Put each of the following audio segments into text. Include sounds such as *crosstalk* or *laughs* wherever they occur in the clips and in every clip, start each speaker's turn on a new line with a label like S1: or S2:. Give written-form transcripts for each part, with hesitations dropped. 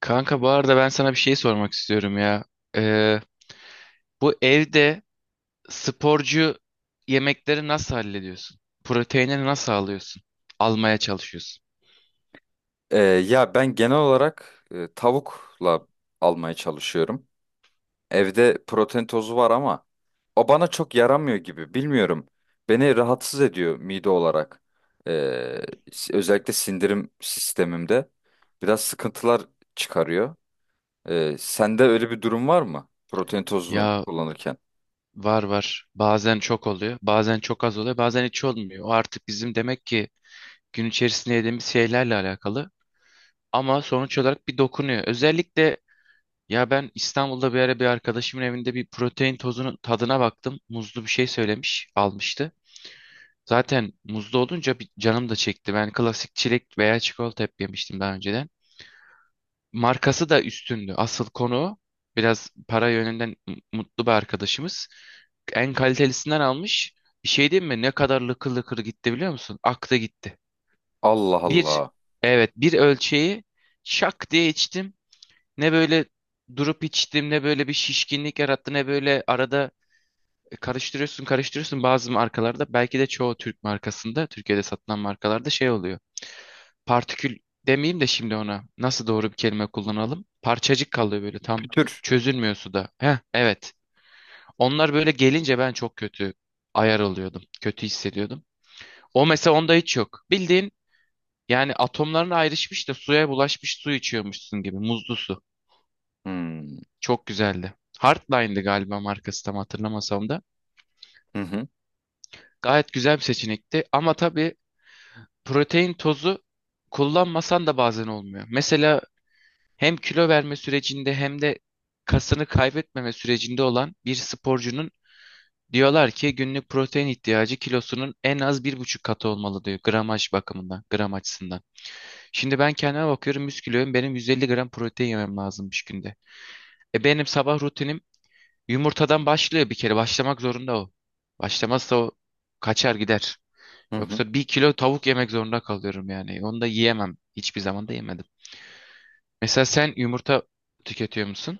S1: Kanka bu arada ben sana bir şey sormak istiyorum ya. Ee, bu evde sporcu yemekleri nasıl hallediyorsun? Proteinini nasıl alıyorsun? Almaya çalışıyorsun.
S2: Ya ben genel olarak tavukla almaya çalışıyorum. Evde protein tozu var ama o bana çok yaramıyor gibi. Bilmiyorum. Beni rahatsız ediyor mide olarak. Ee, Özellikle sindirim sistemimde biraz sıkıntılar çıkarıyor. Sende öyle bir durum var mı? Protein tozunu
S1: Ya,
S2: kullanırken.
S1: var var. Bazen çok oluyor, bazen çok az oluyor, bazen hiç olmuyor. O artık bizim demek ki gün içerisinde yediğimiz şeylerle alakalı. Ama sonuç olarak bir dokunuyor. Özellikle ya ben İstanbul'da bir ara bir arkadaşımın evinde bir protein tozunun tadına baktım. Muzlu bir şey söylemiş, almıştı. Zaten muzlu olunca bir canım da çekti. Ben klasik çilek veya çikolata hep yemiştim daha önceden. Markası da üstündü. Asıl konu o. Biraz para yönünden mutlu bir arkadaşımız. En kalitelisinden almış. Bir şey diyeyim mi? Ne kadar lıkır lıkır gitti biliyor musun? Aklı gitti.
S2: Allah
S1: Bir,
S2: Allah.
S1: evet, bir ölçeği şak diye içtim. Ne böyle durup içtim, ne böyle bir şişkinlik yarattı, ne böyle arada karıştırıyorsun karıştırıyorsun, bazı markalarda, belki de çoğu Türk markasında, Türkiye'de satılan markalarda şey oluyor. Partikül demeyeyim de, şimdi ona nasıl doğru bir kelime kullanalım? Parçacık kalıyor böyle, tam
S2: Pütür.
S1: çözülmüyor suda. Heh, evet. Onlar böyle gelince ben çok kötü ayar oluyordum. Kötü hissediyordum. O mesela, onda hiç yok. Bildiğin yani atomların ayrışmış da suya bulaşmış, su içiyormuşsun gibi muzlu su.
S2: Hmm.
S1: Çok güzeldi. Hardline'dı galiba markası, tam hatırlamasam da.
S2: Hı hı.
S1: Gayet güzel bir seçenekti ama tabii protein tozu kullanmasan da bazen olmuyor. Mesela hem kilo verme sürecinde, hem de kasını kaybetmeme sürecinde olan bir sporcunun diyorlar ki günlük protein ihtiyacı kilosunun en az 1,5 katı olmalı, diyor, gramaj bakımından, gram açısından. Şimdi ben kendime bakıyorum, 100 kiloyum, benim 150 gram protein yemem lazımmış günde. E benim sabah rutinim yumurtadan başlıyor, bir kere başlamak zorunda o. Başlamazsa o kaçar gider.
S2: Hı hı.
S1: Yoksa bir kilo tavuk yemek zorunda kalıyorum yani. Onu da yiyemem. Hiçbir zaman da yemedim. Mesela sen yumurta tüketiyor musun?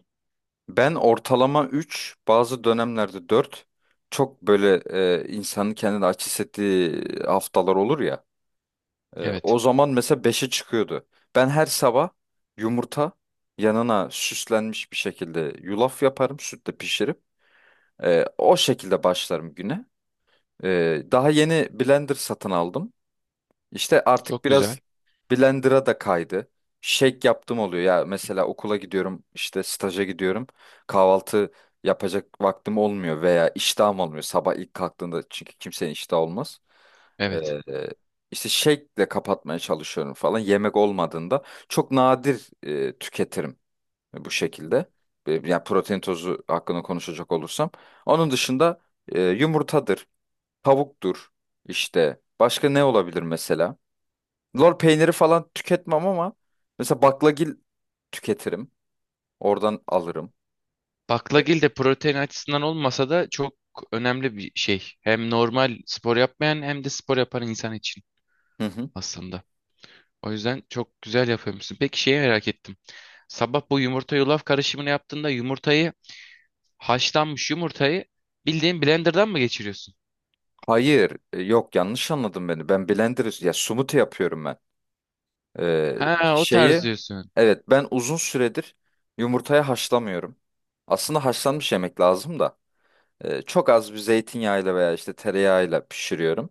S2: Ben ortalama 3, bazı dönemlerde dört. Çok böyle insanın kendini aç hissettiği haftalar olur ya.
S1: Evet.
S2: O zaman mesela beşe çıkıyordu. Ben her sabah yumurta yanına süslenmiş bir şekilde yulaf yaparım, sütle pişirip. O şekilde başlarım güne. Daha yeni blender satın aldım. İşte artık
S1: Çok güzel.
S2: biraz. Blender'a da kaydı. Shake yaptım oluyor ya, mesela okula gidiyorum, işte staja gidiyorum, kahvaltı yapacak vaktim olmuyor veya iştahım olmuyor sabah ilk kalktığında çünkü kimsenin iştahı olmaz.
S1: Evet.
S2: Ee, işte shake'le kapatmaya çalışıyorum falan, yemek olmadığında çok nadir tüketirim bu şekilde. Yani protein tozu hakkında konuşacak olursam. Onun dışında yumurtadır, tavuktur, işte başka ne olabilir mesela? Lor peyniri falan tüketmem ama mesela baklagil tüketirim. Oradan alırım. E,
S1: Baklagil de protein açısından olmasa da çok önemli bir şey. Hem normal spor yapmayan, hem de spor yapan insan için
S2: Hı hı.
S1: aslında. O yüzden çok güzel yapıyormuşsun. Peki şeyi merak ettim. Sabah bu yumurta yulaf karışımını yaptığında, yumurtayı, haşlanmış yumurtayı bildiğin blenderdan mı geçiriyorsun?
S2: Hayır, yok, yanlış anladın beni. Ben blender ya, smoothie yapıyorum ben. E,
S1: Ha, o tarz
S2: Şeyi,
S1: diyorsun.
S2: evet ben uzun süredir yumurtaya haşlamıyorum. Aslında haşlanmış yemek lazım da çok az bir zeytinyağıyla veya işte tereyağıyla pişiriyorum.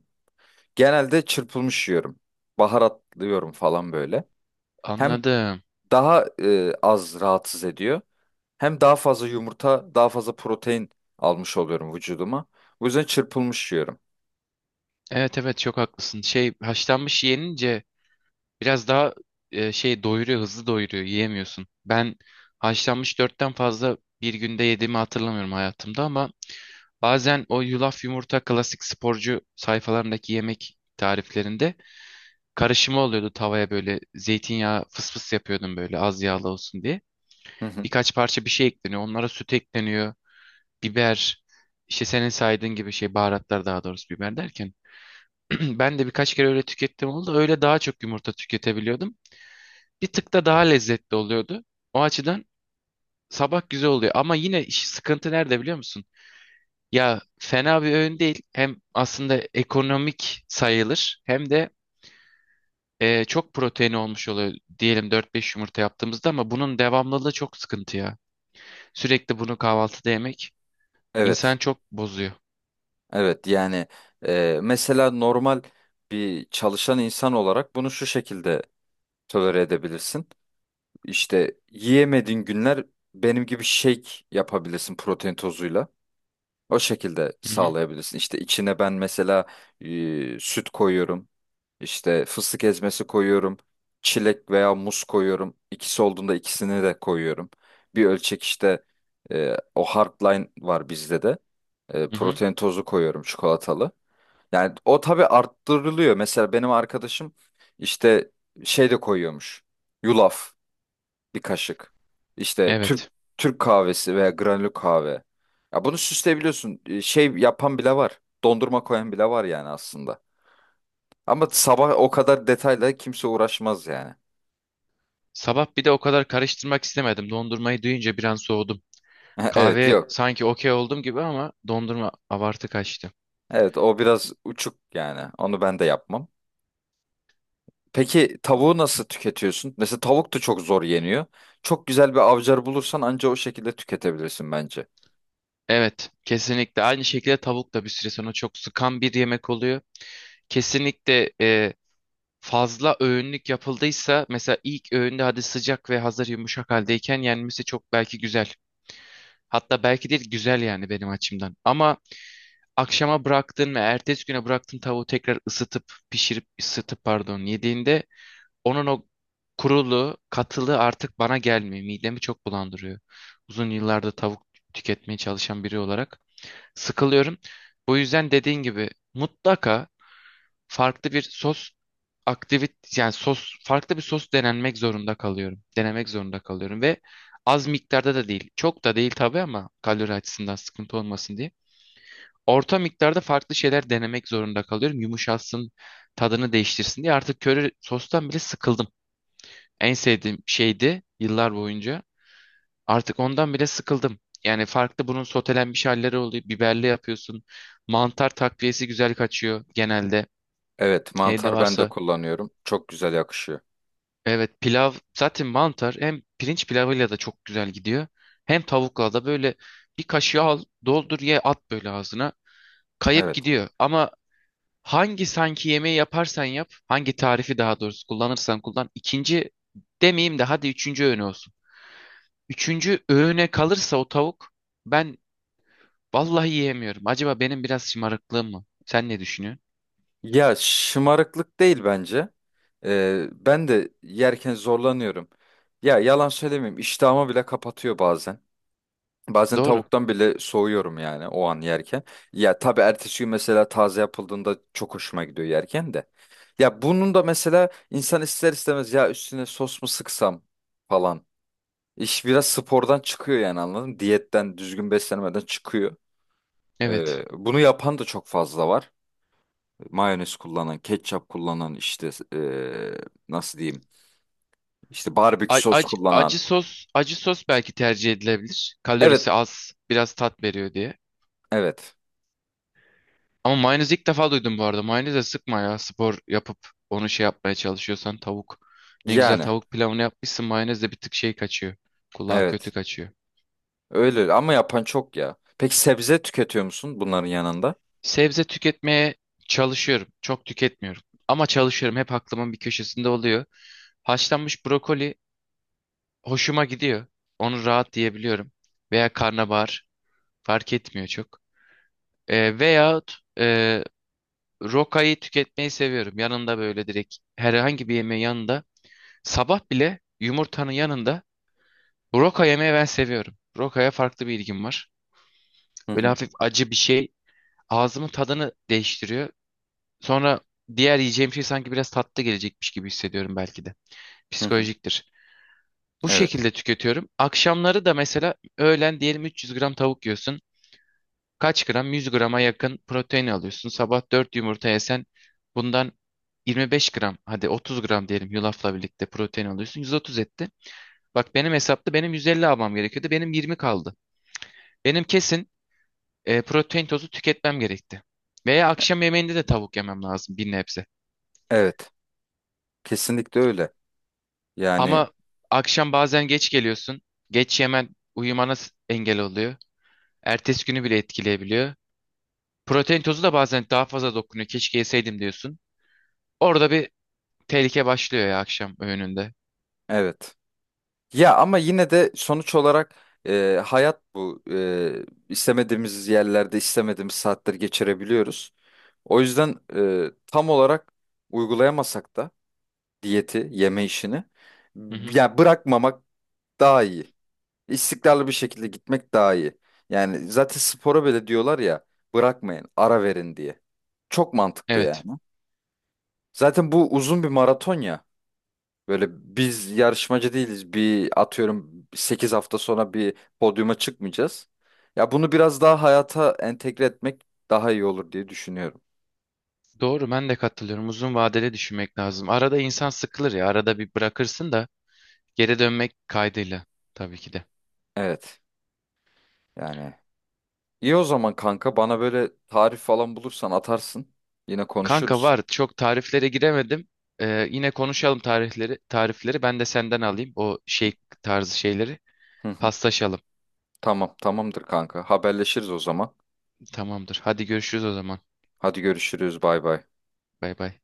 S2: Genelde çırpılmış yiyorum. Baharatlıyorum falan böyle. Hem
S1: Anladım.
S2: daha az rahatsız ediyor. Hem daha fazla yumurta, daha fazla protein almış oluyorum vücuduma. Bu yüzden çırpılmış yiyorum.
S1: Evet evet, çok haklısın. Şey, haşlanmış yenince biraz daha şey doyuruyor, hızlı doyuruyor, yiyemiyorsun. Ben haşlanmış dörtten fazla bir günde yediğimi hatırlamıyorum hayatımda ama bazen o yulaf yumurta, klasik sporcu sayfalarındaki yemek tariflerinde karışımı oluyordu, tavaya böyle zeytinyağı fıs fıs yapıyordum böyle, az yağlı olsun diye.
S2: Hı hı.
S1: Birkaç parça bir şey ekleniyor. Onlara süt ekleniyor, biber, işte senin saydığın gibi şey, baharatlar daha doğrusu, biber derken. *clears throat* Ben de birkaç kere öyle tükettim, oldu. Öyle daha çok yumurta tüketebiliyordum. Bir tık da daha lezzetli oluyordu. O açıdan sabah güzel oluyor. Ama yine iş, sıkıntı nerede biliyor musun? Ya fena bir öğün değil. Hem aslında ekonomik sayılır, hem de çok protein olmuş oluyor. Diyelim 4-5 yumurta yaptığımızda, ama bunun devamlılığı çok sıkıntı ya. Sürekli bunu kahvaltıda yemek insan
S2: Evet,
S1: çok bozuyor.
S2: evet yani mesela normal bir çalışan insan olarak bunu şu şekilde tolere edebilirsin. İşte yiyemediğin günler benim gibi shake yapabilirsin protein tozuyla. O şekilde
S1: Hı hı,
S2: sağlayabilirsin. İşte içine ben mesela süt koyuyorum. İşte fıstık ezmesi koyuyorum. Çilek veya muz koyuyorum. İkisi olduğunda ikisini de koyuyorum. Bir ölçek işte o hardline var bizde de.
S1: hı hı.
S2: Protein tozu koyuyorum çikolatalı. Yani o tabii arttırılıyor. Mesela benim arkadaşım işte şey de koyuyormuş. Yulaf bir kaşık. İşte Türk
S1: Evet.
S2: Türk kahvesi veya granül kahve. Ya bunu süsleyebiliyorsun. Şey yapan bile var. Dondurma koyan bile var yani aslında. Ama sabah o kadar detayla kimse uğraşmaz yani.
S1: Sabah bir de o kadar karıştırmak istemedim. Dondurmayı duyunca bir an soğudum.
S2: *laughs* Evet,
S1: Kahve
S2: yok.
S1: sanki okey oldum gibi ama dondurma abartı kaçtı.
S2: Evet, o biraz uçuk yani. Onu ben de yapmam. Peki tavuğu nasıl tüketiyorsun? Mesela tavuk da çok zor yeniyor. Çok güzel bir avcar bulursan anca o şekilde tüketebilirsin bence.
S1: Evet, kesinlikle. Aynı şekilde tavuk da bir süre sonra çok sıkan bir yemek oluyor. Kesinlikle fazla öğünlük yapıldıysa, mesela ilk öğünde, hadi sıcak ve hazır yumuşak haldeyken yenmesi çok belki güzel. Hatta belki değil, güzel yani benim açımdan. Ama akşama bıraktın ve ertesi güne bıraktın tavuğu, tekrar ısıtıp, pişirip, ısıtıp pardon, yediğinde onun o kurulu katılı artık bana gelmiyor. Midemi çok bulandırıyor. Uzun yıllarda tavuk tüketmeye çalışan biri olarak sıkılıyorum. Bu yüzden dediğin gibi mutlaka farklı bir sos, aktivit yani sos farklı bir sos denenmek zorunda kalıyorum. Denemek zorunda kalıyorum ve az miktarda da değil. Çok da değil tabii, ama kalori açısından sıkıntı olmasın diye. Orta miktarda farklı şeyler denemek zorunda kalıyorum. Yumuşatsın, tadını değiştirsin diye. Artık köri sostan bile sıkıldım. En sevdiğim şeydi yıllar boyunca. Artık ondan bile sıkıldım. Yani farklı, bunun sotelenmiş halleri oluyor. Biberli yapıyorsun. Mantar takviyesi güzel kaçıyor genelde.
S2: Evet,
S1: Evde
S2: mantar ben de
S1: varsa.
S2: kullanıyorum. Çok güzel yakışıyor.
S1: Evet, pilav zaten mantar, hem pirinç pilavıyla da çok güzel gidiyor. Hem tavukla da böyle bir kaşığı al, doldur, ye, at böyle ağzına. Kayıp
S2: Evet.
S1: gidiyor. Ama hangi sanki yemeği yaparsan yap, hangi tarifi daha doğrusu kullanırsan kullan, ikinci demeyeyim de hadi üçüncü öğün olsun. Üçüncü öğüne kalırsa o tavuk, ben vallahi yiyemiyorum. Acaba benim biraz şımarıklığım mı? Sen ne düşünüyorsun?
S2: Ya, şımarıklık değil bence. Ben de yerken zorlanıyorum. Ya, yalan söylemeyeyim, iştahımı bile kapatıyor bazen. Bazen
S1: Doğru.
S2: tavuktan bile soğuyorum yani o an yerken. Ya tabii ertesi gün mesela taze yapıldığında çok hoşuma gidiyor yerken de. Ya bunun da mesela insan ister istemez, ya üstüne sos mu sıksam falan. İş biraz spordan çıkıyor yani, anladın mı? Diyetten, düzgün beslenmeden çıkıyor.
S1: Evet.
S2: Bunu yapan da çok fazla var, mayonez kullanan, ketçap kullanan, işte nasıl diyeyim? İşte barbekü sos
S1: Acı
S2: kullanan.
S1: sos, acı sos belki tercih edilebilir.
S2: Evet,
S1: Kalorisi az, biraz tat veriyor diye.
S2: evet.
S1: Ama mayonez ilk defa duydum bu arada. Mayoneze sıkma ya. Spor yapıp onu şey yapmaya çalışıyorsan tavuk. Ne güzel
S2: Yani
S1: tavuk pilavını yapmışsın. Mayonez de bir tık şey kaçıyor. Kulağa kötü
S2: evet.
S1: kaçıyor.
S2: Öyle ama yapan çok ya. Peki sebze tüketiyor musun bunların yanında?
S1: Sebze tüketmeye çalışıyorum. Çok tüketmiyorum. Ama çalışıyorum. Hep aklımın bir köşesinde oluyor. Haşlanmış brokoli hoşuma gidiyor. Onu rahat diyebiliyorum. Veya karnabahar, fark etmiyor çok. Veyahut rokayı tüketmeyi seviyorum. Yanında böyle, direkt herhangi bir yemeğin yanında. Sabah bile yumurtanın yanında roka yemeyi ben seviyorum. Rokaya farklı bir ilgim var.
S2: Hı
S1: Böyle
S2: hı.
S1: hafif acı bir şey ağzımın tadını değiştiriyor. Sonra diğer yiyeceğim şey sanki biraz tatlı gelecekmiş gibi hissediyorum belki de.
S2: Hı hı.
S1: Psikolojiktir. Bu
S2: Evet.
S1: şekilde tüketiyorum. Akşamları da mesela, öğlen diyelim 300 gram tavuk yiyorsun. Kaç gram? 100 grama yakın protein alıyorsun. Sabah 4 yumurta yesen bundan 25 gram, hadi 30 gram diyelim, yulafla birlikte protein alıyorsun. 130 etti. Bak, benim hesapta benim 150 almam gerekiyordu. Benim 20 kaldı. Benim kesin protein tozu tüketmem gerekti. Veya akşam yemeğinde de tavuk yemem lazım bir nebze.
S2: Evet. Kesinlikle öyle. Yani
S1: Ama akşam bazen geç geliyorsun. Geç yemen uyumana engel oluyor. Ertesi günü bile etkileyebiliyor. Protein tozu da bazen daha fazla dokunuyor. Keşke yeseydim diyorsun. Orada bir tehlike başlıyor ya, akşam öğününde.
S2: evet. Ya ama yine de sonuç olarak hayat bu. İstemediğimiz yerlerde istemediğimiz saatleri geçirebiliyoruz. O yüzden tam olarak uygulayamasak da diyeti, yeme işini.
S1: Hı hı.
S2: Ya bırakmamak daha iyi. İstikrarlı bir şekilde gitmek daha iyi. Yani zaten spora bile diyorlar ya, bırakmayın, ara verin diye. Çok mantıklı yani.
S1: Evet.
S2: Zaten bu uzun bir maraton ya. Böyle biz yarışmacı değiliz. Bir atıyorum 8 hafta sonra bir podyuma çıkmayacağız. Ya bunu biraz daha hayata entegre etmek daha iyi olur diye düşünüyorum.
S1: Doğru, ben de katılıyorum. Uzun vadeli düşünmek lazım. Arada insan sıkılır ya. Arada bir bırakırsın da, geri dönmek kaydıyla tabii ki de.
S2: Evet. Yani iyi o zaman kanka, bana böyle tarif falan bulursan atarsın. Yine
S1: Kanka
S2: konuşuruz.
S1: var. Çok tariflere giremedim. Yine konuşalım tarihleri, tarifleri. Ben de senden alayım o şey tarzı şeyleri.
S2: Hı hı.
S1: Paslaşalım.
S2: Tamam, tamamdır kanka. Haberleşiriz o zaman.
S1: Tamamdır. Hadi görüşürüz o zaman.
S2: Hadi görüşürüz. Bay bay.
S1: Bay bay.